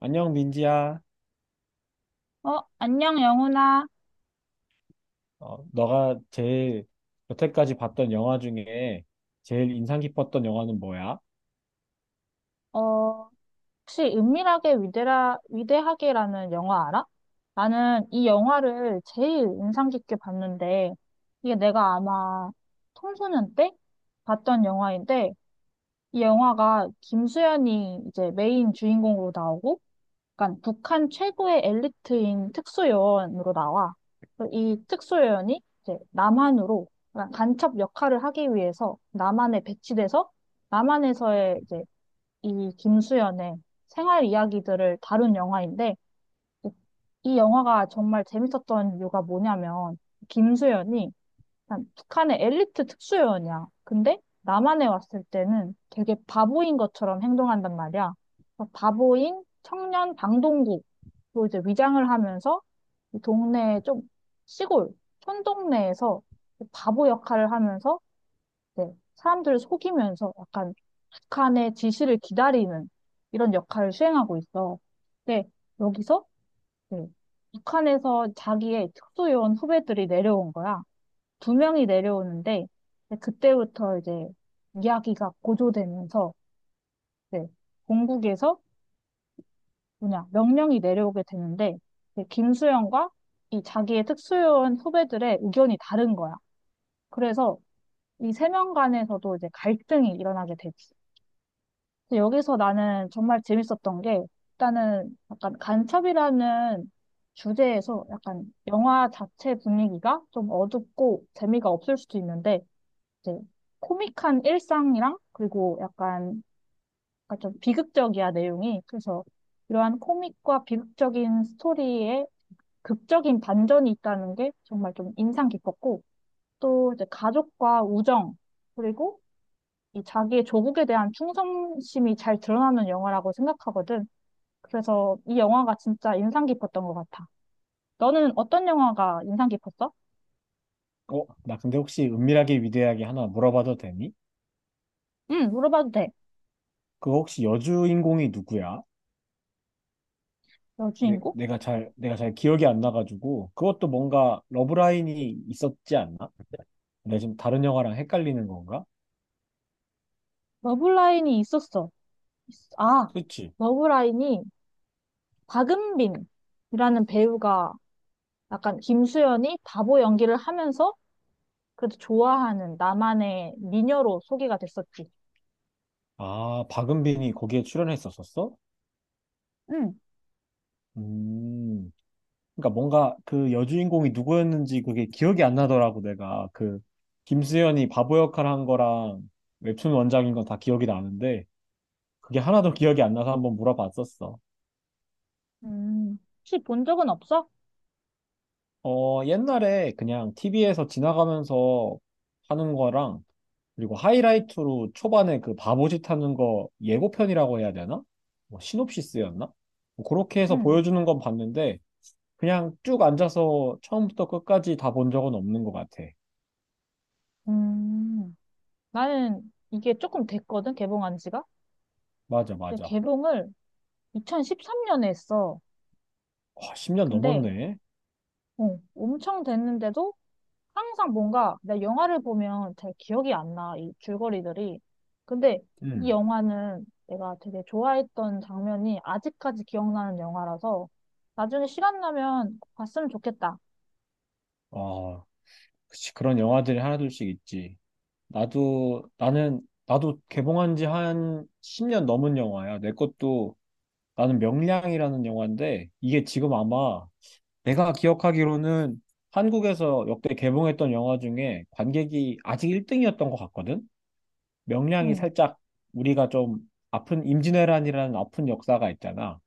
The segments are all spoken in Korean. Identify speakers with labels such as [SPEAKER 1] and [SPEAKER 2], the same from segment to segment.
[SPEAKER 1] 안녕, 민지야.
[SPEAKER 2] 어, 안녕, 영훈아.
[SPEAKER 1] 어, 너가 제일 여태까지 봤던 영화 중에 제일 인상 깊었던 영화는 뭐야?
[SPEAKER 2] 어, 혹시 은밀하게 위대하게라는 영화 알아? 나는 이 영화를 제일 인상 깊게 봤는데, 이게 내가 아마 청소년 때 봤던 영화인데, 이 영화가 김수현이 이제 메인 주인공으로 나오고, 약간 북한 최고의 엘리트인 특수요원으로 나와. 그래서 이 특수요원이 이제 남한으로 약간 간첩 역할을 하기 위해서 남한에 배치돼서 남한에서의 이제 이 김수현의 생활 이야기들을 다룬 영화인데 이, 이 영화가 정말 재밌었던 이유가 뭐냐면 김수현이 한 북한의 엘리트 특수요원이야. 근데 남한에 왔을 때는 되게 바보인 것처럼 행동한단 말이야. 그래서 바보인 청년 방동국으로 이제 위장을 하면서 이 동네 좀 시골 촌동네에서 바보 역할을 하면서 네, 사람들을 속이면서 약간 북한의 지시를 기다리는 이런 역할을 수행하고 있어. 근데 여기서 네, 북한에서 자기의 특수요원 후배들이 내려온 거야. 두 명이 내려오는데 이제 그때부터 이제 이야기가 고조되면서 네, 본국에서 뭐냐 명령이 내려오게 되는데 이제 김수영과 이 자기의 특수요원 후배들의 의견이 다른 거야. 그래서 이 세 명 간에서도 이제 갈등이 일어나게 되지. 근데 여기서 나는 정말 재밌었던 게 일단은 약간 간첩이라는 주제에서 약간 영화 자체 분위기가 좀 어둡고 재미가 없을 수도 있는데 이제 코믹한 일상이랑 그리고 약간 좀 비극적이야 내용이. 그래서 이러한 코믹과 비극적인 스토리에 극적인 반전이 있다는 게 정말 좀 인상 깊었고 또 이제 가족과 우정 그리고 이 자기의 조국에 대한 충성심이 잘 드러나는 영화라고 생각하거든. 그래서 이 영화가 진짜 인상 깊었던 것 같아. 너는 어떤 영화가 인상 깊었어?
[SPEAKER 1] 나 근데 혹시 은밀하게 위대하게 하나 물어봐도 되니?
[SPEAKER 2] 응, 물어봐도 돼.
[SPEAKER 1] 그거 혹시 여주인공이 누구야? 내,
[SPEAKER 2] 여주인공?
[SPEAKER 1] 내가 잘, 내가 잘 기억이 안 나가지고 그것도 뭔가 러브라인이 있었지 않나? 내가 지금 다른 영화랑 헷갈리는 건가?
[SPEAKER 2] 러브라인이 있었어. 아,
[SPEAKER 1] 그치?
[SPEAKER 2] 러브라인이 박은빈이라는 배우가 약간 김수현이 바보 연기를 하면서 그래도 좋아하는 나만의 미녀로 소개가 됐었지.
[SPEAKER 1] 아, 박은빈이 거기에 출연했었었어?
[SPEAKER 2] 응.
[SPEAKER 1] 음, 그러니까 뭔가 그 여주인공이 누구였는지 그게 기억이 안 나더라고. 내가 그 김수현이 바보 역할 한 거랑 웹툰 원작인 건 다 기억이 나는데 그게 하나도 기억이 안 나서 한번 물어봤었어.
[SPEAKER 2] 혹시 본 적은 없어?
[SPEAKER 1] 어, 옛날에 그냥 TV에서 지나가면서 하는 거랑 그리고 하이라이트로 초반에 그 바보짓 하는 거 예고편이라고 해야 되나? 뭐 시놉시스였나? 뭐 그렇게 해서
[SPEAKER 2] 응.
[SPEAKER 1] 보여주는 건 봤는데 그냥 쭉 앉아서 처음부터 끝까지 다 본 적은 없는 것 같아.
[SPEAKER 2] 음. 나는 이게 조금 됐거든, 개봉한 지가.
[SPEAKER 1] 맞아,
[SPEAKER 2] 근데
[SPEAKER 1] 맞아.
[SPEAKER 2] 개봉을 2013년에 했어.
[SPEAKER 1] 와, 10년
[SPEAKER 2] 근데,
[SPEAKER 1] 넘었네.
[SPEAKER 2] 엄청 됐는데도 항상 뭔가 내 영화를 보면 잘 기억이 안 나, 이 줄거리들이. 근데 이
[SPEAKER 1] 음.
[SPEAKER 2] 영화는 내가 되게 좋아했던 장면이 아직까지 기억나는 영화라서 나중에 시간 나면 봤으면 좋겠다.
[SPEAKER 1] 아, 그치. 그런 영화들이 하나둘씩 있지. 나도 개봉한 지 한 10년 넘은 영화야, 내 것도. 나는 명량이라는 영화인데, 이게 지금 아마 내가 기억하기로는 한국에서 역대 개봉했던 영화 중에 관객이 아직 1등이었던 것 같거든? 명량이
[SPEAKER 2] 응,
[SPEAKER 1] 살짝 우리가 좀 아픈, 임진왜란이라는 아픈 역사가 있잖아.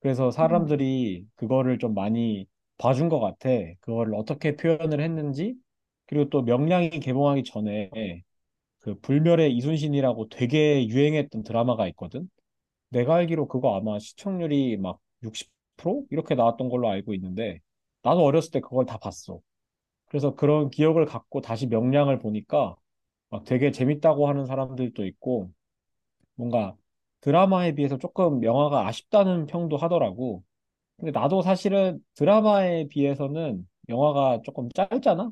[SPEAKER 1] 그래서
[SPEAKER 2] 응,
[SPEAKER 1] 사람들이 그거를 좀 많이 봐준 것 같아. 그거를 어떻게 표현을 했는지. 그리고 또 명량이 개봉하기 전에 그 불멸의 이순신이라고 되게 유행했던 드라마가 있거든. 내가 알기로 그거 아마 시청률이 막 60% 이렇게 나왔던 걸로 알고 있는데 나도 어렸을 때 그걸 다 봤어. 그래서 그런 기억을 갖고 다시 명량을 보니까 막 되게 재밌다고 하는 사람들도 있고 뭔가 드라마에 비해서 조금 영화가 아쉽다는 평도 하더라고. 근데 나도 사실은 드라마에 비해서는 영화가 조금 짧잖아?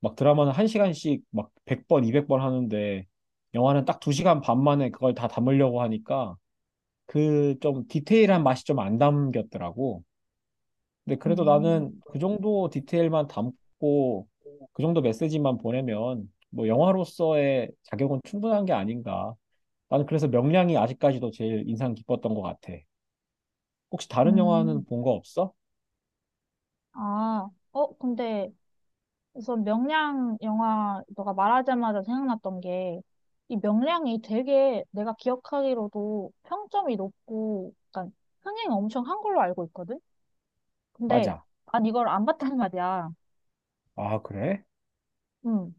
[SPEAKER 1] 막 드라마는 1시간씩 막 100번, 200번 하는데 영화는 딱 2시간 반 만에 그걸 다 담으려고 하니까 그 좀 디테일한 맛이 좀 안 담겼더라고. 근데 그래도
[SPEAKER 2] 음.
[SPEAKER 1] 나는 그 정도 디테일만 담고 그 정도 메시지만 보내면 뭐 영화로서의 자격은 충분한 게 아닌가. 나는 그래서 명량이 아직까지도 제일 인상 깊었던 것 같아. 혹시 다른
[SPEAKER 2] 음.
[SPEAKER 1] 영화는 본 거 없어?
[SPEAKER 2] 아, 근데 우선 명량 영화 너가 말하자마자 생각났던 게 이 명량이 되게 내가 기억하기로도 평점이 높고 약간 흥행 엄청 한 걸로 알고 있거든? 근데
[SPEAKER 1] 맞아.
[SPEAKER 2] 난 이걸 안 봤단 말이야.
[SPEAKER 1] 아, 그래?
[SPEAKER 2] 음.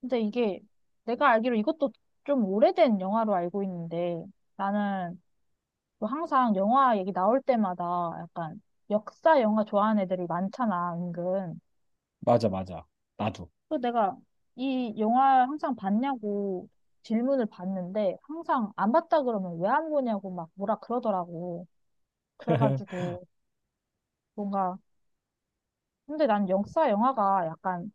[SPEAKER 2] 근데 이게 내가 알기로 이것도 좀 오래된 영화로 알고 있는데 나는 또 항상 영화 얘기 나올 때마다 약간 역사 영화 좋아하는 애들이 많잖아, 은근.
[SPEAKER 1] 맞아, 맞아. 나도.
[SPEAKER 2] 그 내가 이 영화 항상 봤냐고 질문을 봤는데 항상 안 봤다 그러면 왜 안 보냐고 막 뭐라 그러더라고. 그래가지고 뭔가 근데 난 역사 영화가 약간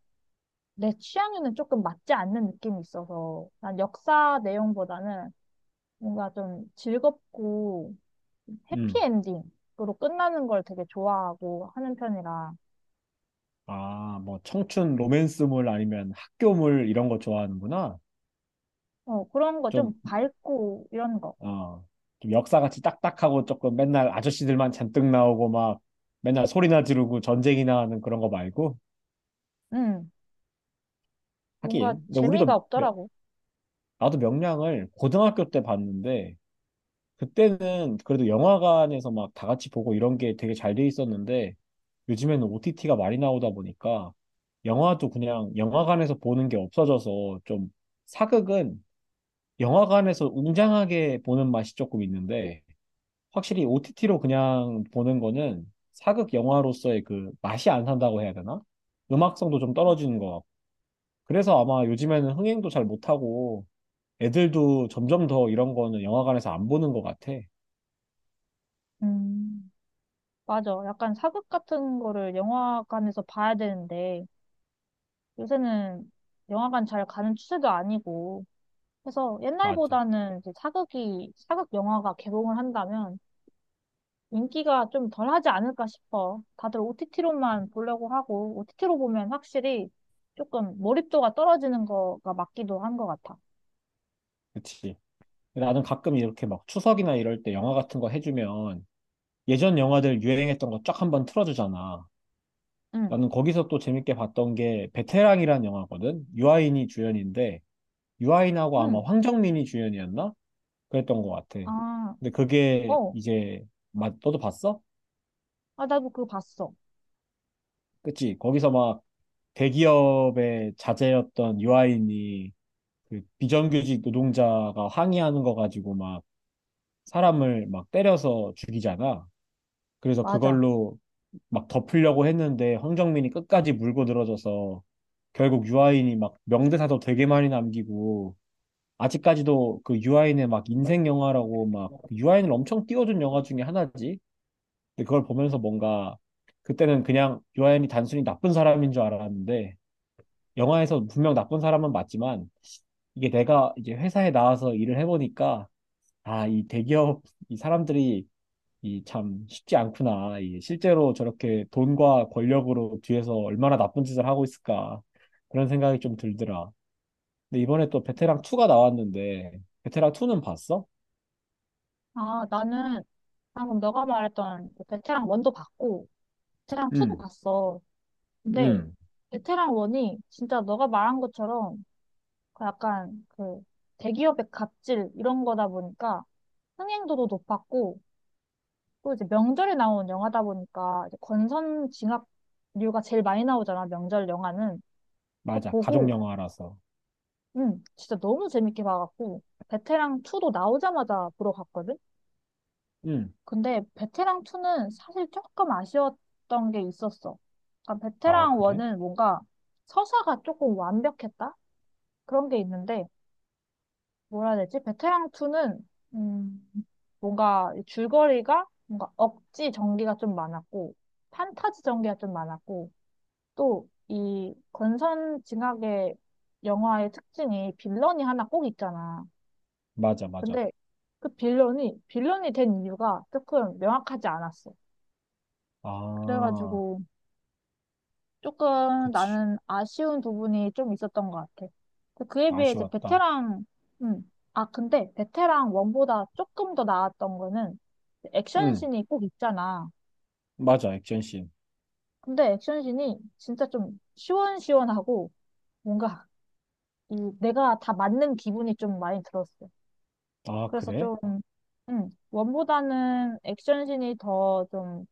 [SPEAKER 2] 내 취향에는 조금 맞지 않는 느낌이 있어서 난 역사 내용보다는 뭔가 좀 즐겁고
[SPEAKER 1] 음.
[SPEAKER 2] 해피엔딩으로 끝나는 걸 되게 좋아하고 하는 편이라.
[SPEAKER 1] 아, 뭐, 청춘 로맨스물 아니면 학교물 이런 거 좋아하는구나.
[SPEAKER 2] 어, 그런 거 좀
[SPEAKER 1] 좀,
[SPEAKER 2] 밝고 이런 거.
[SPEAKER 1] 어, 좀 역사같이 딱딱하고 조금 맨날 아저씨들만 잔뜩 나오고 막 맨날 소리나 지르고 전쟁이나 하는 그런 거 말고.
[SPEAKER 2] 음, 뭔가
[SPEAKER 1] 하긴.
[SPEAKER 2] 재미가 없더라고.
[SPEAKER 1] 나도 명량을 고등학교 때 봤는데 그때는 그래도 영화관에서 막 다 같이 보고 이런 게 되게 잘 돼 있었는데 요즘에는 OTT가 많이 나오다 보니까 영화도 그냥 영화관에서 보는 게 없어져서 좀, 사극은 영화관에서 웅장하게 보는 맛이 조금 있는데 확실히 OTT로 그냥 보는 거는 사극 영화로서의 그 맛이 안 산다고 해야 되나? 음악성도 좀 떨어지는 것 같고. 그래서 아마 요즘에는 흥행도 잘 못하고 애들도 점점 더 이런 거는 영화관에서 안 보는 것 같아.
[SPEAKER 2] 음. 맞아. 약간 사극 같은 거를 영화관에서 봐야 되는데, 요새는 영화관 잘 가는 추세도 아니고, 그래서
[SPEAKER 1] 맞아.
[SPEAKER 2] 옛날보다는 이제 사극 영화가 개봉을 한다면 인기가 좀 덜하지 않을까 싶어. 다들 OTT로만 보려고 하고, OTT로 보면 확실히 조금 몰입도가 떨어지는 거가 맞기도 한 것 같아.
[SPEAKER 1] 그치. 나는 가끔 이렇게 막 추석이나 이럴 때 영화 같은 거 해주면 예전 영화들 유행했던 거 쫙 한번 틀어주잖아.
[SPEAKER 2] 응,
[SPEAKER 1] 나는 거기서 또 재밌게 봤던 게 베테랑이란 영화거든. 유아인이 주연인데 유아인하고 아마
[SPEAKER 2] 응.
[SPEAKER 1] 황정민이 주연이었나? 그랬던 것 같아.
[SPEAKER 2] 아,
[SPEAKER 1] 근데 그게
[SPEAKER 2] 어.
[SPEAKER 1] 이제 맞 너도 봤어?
[SPEAKER 2] 아, 나도 그거 봤어.
[SPEAKER 1] 그치? 거기서 막 대기업의 자제였던 유아인이 그 비정규직 노동자가 항의하는 거 가지고 막 사람을 막 때려서 죽이잖아. 그래서
[SPEAKER 2] 맞아.
[SPEAKER 1] 그걸로 막 덮으려고 했는데 황정민이 끝까지 물고 들어져서 결국 유아인이 막 명대사도 되게 많이 남기고 아직까지도 그 유아인의 막 인생 영화라고 막 유아인을 엄청 띄워준 영화 중에 하나지. 근데 그걸 보면서 뭔가 그때는 그냥 유아인이 단순히 나쁜 사람인 줄 알았는데 영화에서 분명 나쁜 사람은 맞지만 이게 내가 이제 회사에 나와서 일을 해보니까, 아, 이 대기업 이 사람들이 이 참 쉽지 않구나. 이 실제로 저렇게 돈과 권력으로 뒤에서 얼마나 나쁜 짓을 하고 있을까. 그런 생각이 좀 들더라. 근데 이번에 또 베테랑 2가 나왔는데, 베테랑 2는 봤어?
[SPEAKER 2] 아, 나는 방금 너가 말했던 그 베테랑 원도 봤고, 베테랑 2도
[SPEAKER 1] 응,
[SPEAKER 2] 봤어. 근데
[SPEAKER 1] 응.
[SPEAKER 2] 베테랑 1이 진짜 너가 말한 것처럼 그 약간 그 대기업의 갑질 이런 거다 보니까 흥행도도 높았고 또 이제 명절에 나온 영화다 보니까 이제 권선 징악류가 제일 많이 나오잖아, 명절 영화는. 그
[SPEAKER 1] 맞아. 가족
[SPEAKER 2] 보고
[SPEAKER 1] 영화라서.
[SPEAKER 2] 진짜 너무 재밌게 봐갖고 베테랑 2도 나오자마자 보러 갔거든.
[SPEAKER 1] 응.
[SPEAKER 2] 근데 베테랑 2는 사실 조금 아쉬웠던 게 있었어. 그러니까
[SPEAKER 1] 아,
[SPEAKER 2] 베테랑
[SPEAKER 1] 그래?
[SPEAKER 2] 1은 뭔가 서사가 조금 완벽했다? 그런 게 있는데, 뭐라 해야 되지? 베테랑 2는, 음, 뭔가 이 줄거리가 뭔가 억지 전개가 좀 많았고, 판타지 전개가 좀 많았고, 또 이 권선징악의 영화의 특징이 빌런이 하나 꼭 있잖아.
[SPEAKER 1] 맞아, 맞아.
[SPEAKER 2] 근데 그 빌런이 된 이유가 조금 명확하지 않았어.
[SPEAKER 1] 아,
[SPEAKER 2] 그래가지고, 조금
[SPEAKER 1] 그치.
[SPEAKER 2] 나는 아쉬운 부분이 좀 있었던 것 같아. 그에 비해 이제
[SPEAKER 1] 아쉬웠다.
[SPEAKER 2] 베테랑, 근데 베테랑 원보다 조금 더 나았던 거는
[SPEAKER 1] 응,
[SPEAKER 2] 액션씬이 꼭 있잖아.
[SPEAKER 1] 맞아. 액션씬.
[SPEAKER 2] 근데 액션씬이 진짜 좀 시원시원하고 뭔가 이 내가 다 맞는 기분이 좀 많이 들었어.
[SPEAKER 1] 아,
[SPEAKER 2] 그래서
[SPEAKER 1] 그래?
[SPEAKER 2] 좀, 원보다는 액션씬이 더 좀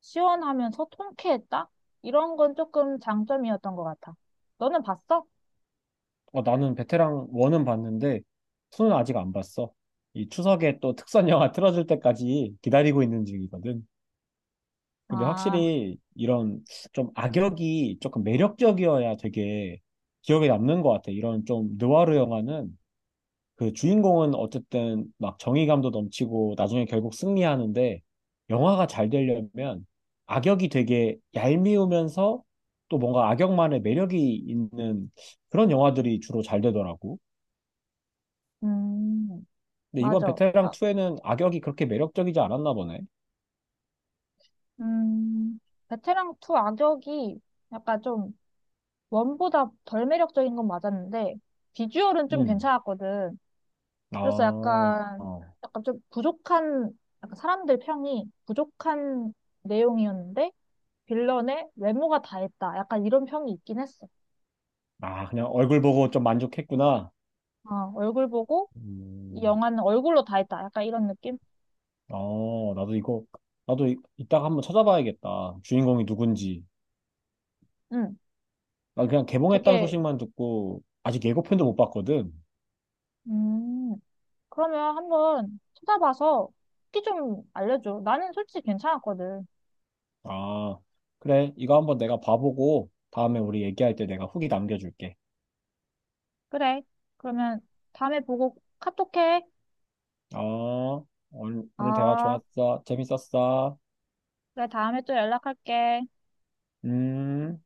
[SPEAKER 2] 시원하면서 통쾌했다? 이런 건 조금 장점이었던 것 같아. 너는 봤어?
[SPEAKER 1] 어, 나는 베테랑 원은 봤는데 투는 아직 안 봤어. 이 추석에 또 특선 영화 틀어줄 때까지 기다리고 있는 중이거든. 근데
[SPEAKER 2] 아.
[SPEAKER 1] 확실히 이런 좀 악역이 조금 매력적이어야 되게 기억에 남는 것 같아. 이런 좀 느와르 영화는 그 주인공은 어쨌든 막 정의감도 넘치고 나중에 결국 승리하는데 영화가 잘 되려면 악역이 되게 얄미우면서 또 뭔가 악역만의 매력이 있는 그런 영화들이 주로 잘 되더라고.
[SPEAKER 2] 음,
[SPEAKER 1] 근데 이번
[SPEAKER 2] 맞아.
[SPEAKER 1] 베테랑 2에는 악역이 그렇게 매력적이지 않았나 보네.
[SPEAKER 2] 음, 베테랑 2 악역이 약간 좀 원보다 덜 매력적인 건 맞았는데 비주얼은 좀
[SPEAKER 1] 음.
[SPEAKER 2] 괜찮았거든.
[SPEAKER 1] 아,
[SPEAKER 2] 그래서
[SPEAKER 1] 어.
[SPEAKER 2] 약간 좀 부족한 약간 사람들 평이 부족한 내용이었는데 빌런의 외모가 다 했다. 약간 이런 평이 있긴 했어.
[SPEAKER 1] 아, 그냥 얼굴 보고 좀 만족했구나.
[SPEAKER 2] 어, 얼굴 보고 이
[SPEAKER 1] 음.
[SPEAKER 2] 영화는 얼굴로 다 했다. 약간 이런 느낌?
[SPEAKER 1] 어, 나도 이거, 나도 이, 이따가 한번 찾아봐야겠다, 주인공이 누군지.
[SPEAKER 2] 음,
[SPEAKER 1] 나 그냥 개봉했다는
[SPEAKER 2] 되게.
[SPEAKER 1] 소식만 듣고 아직 예고편도 못 봤거든.
[SPEAKER 2] 음. 그러면 한번 찾아봐서 후기 좀 알려줘. 나는 솔직히 괜찮았거든.
[SPEAKER 1] 아, 그래. 이거 한번 내가 봐보고 다음에 우리 얘기할 때 내가 후기 남겨줄게.
[SPEAKER 2] 그래. 그러면 다음에 보고 카톡해.
[SPEAKER 1] 아, 오늘 대화
[SPEAKER 2] 아,
[SPEAKER 1] 좋았어. 재밌었어.
[SPEAKER 2] 그래. 다음에 또 연락할게.
[SPEAKER 1] 음.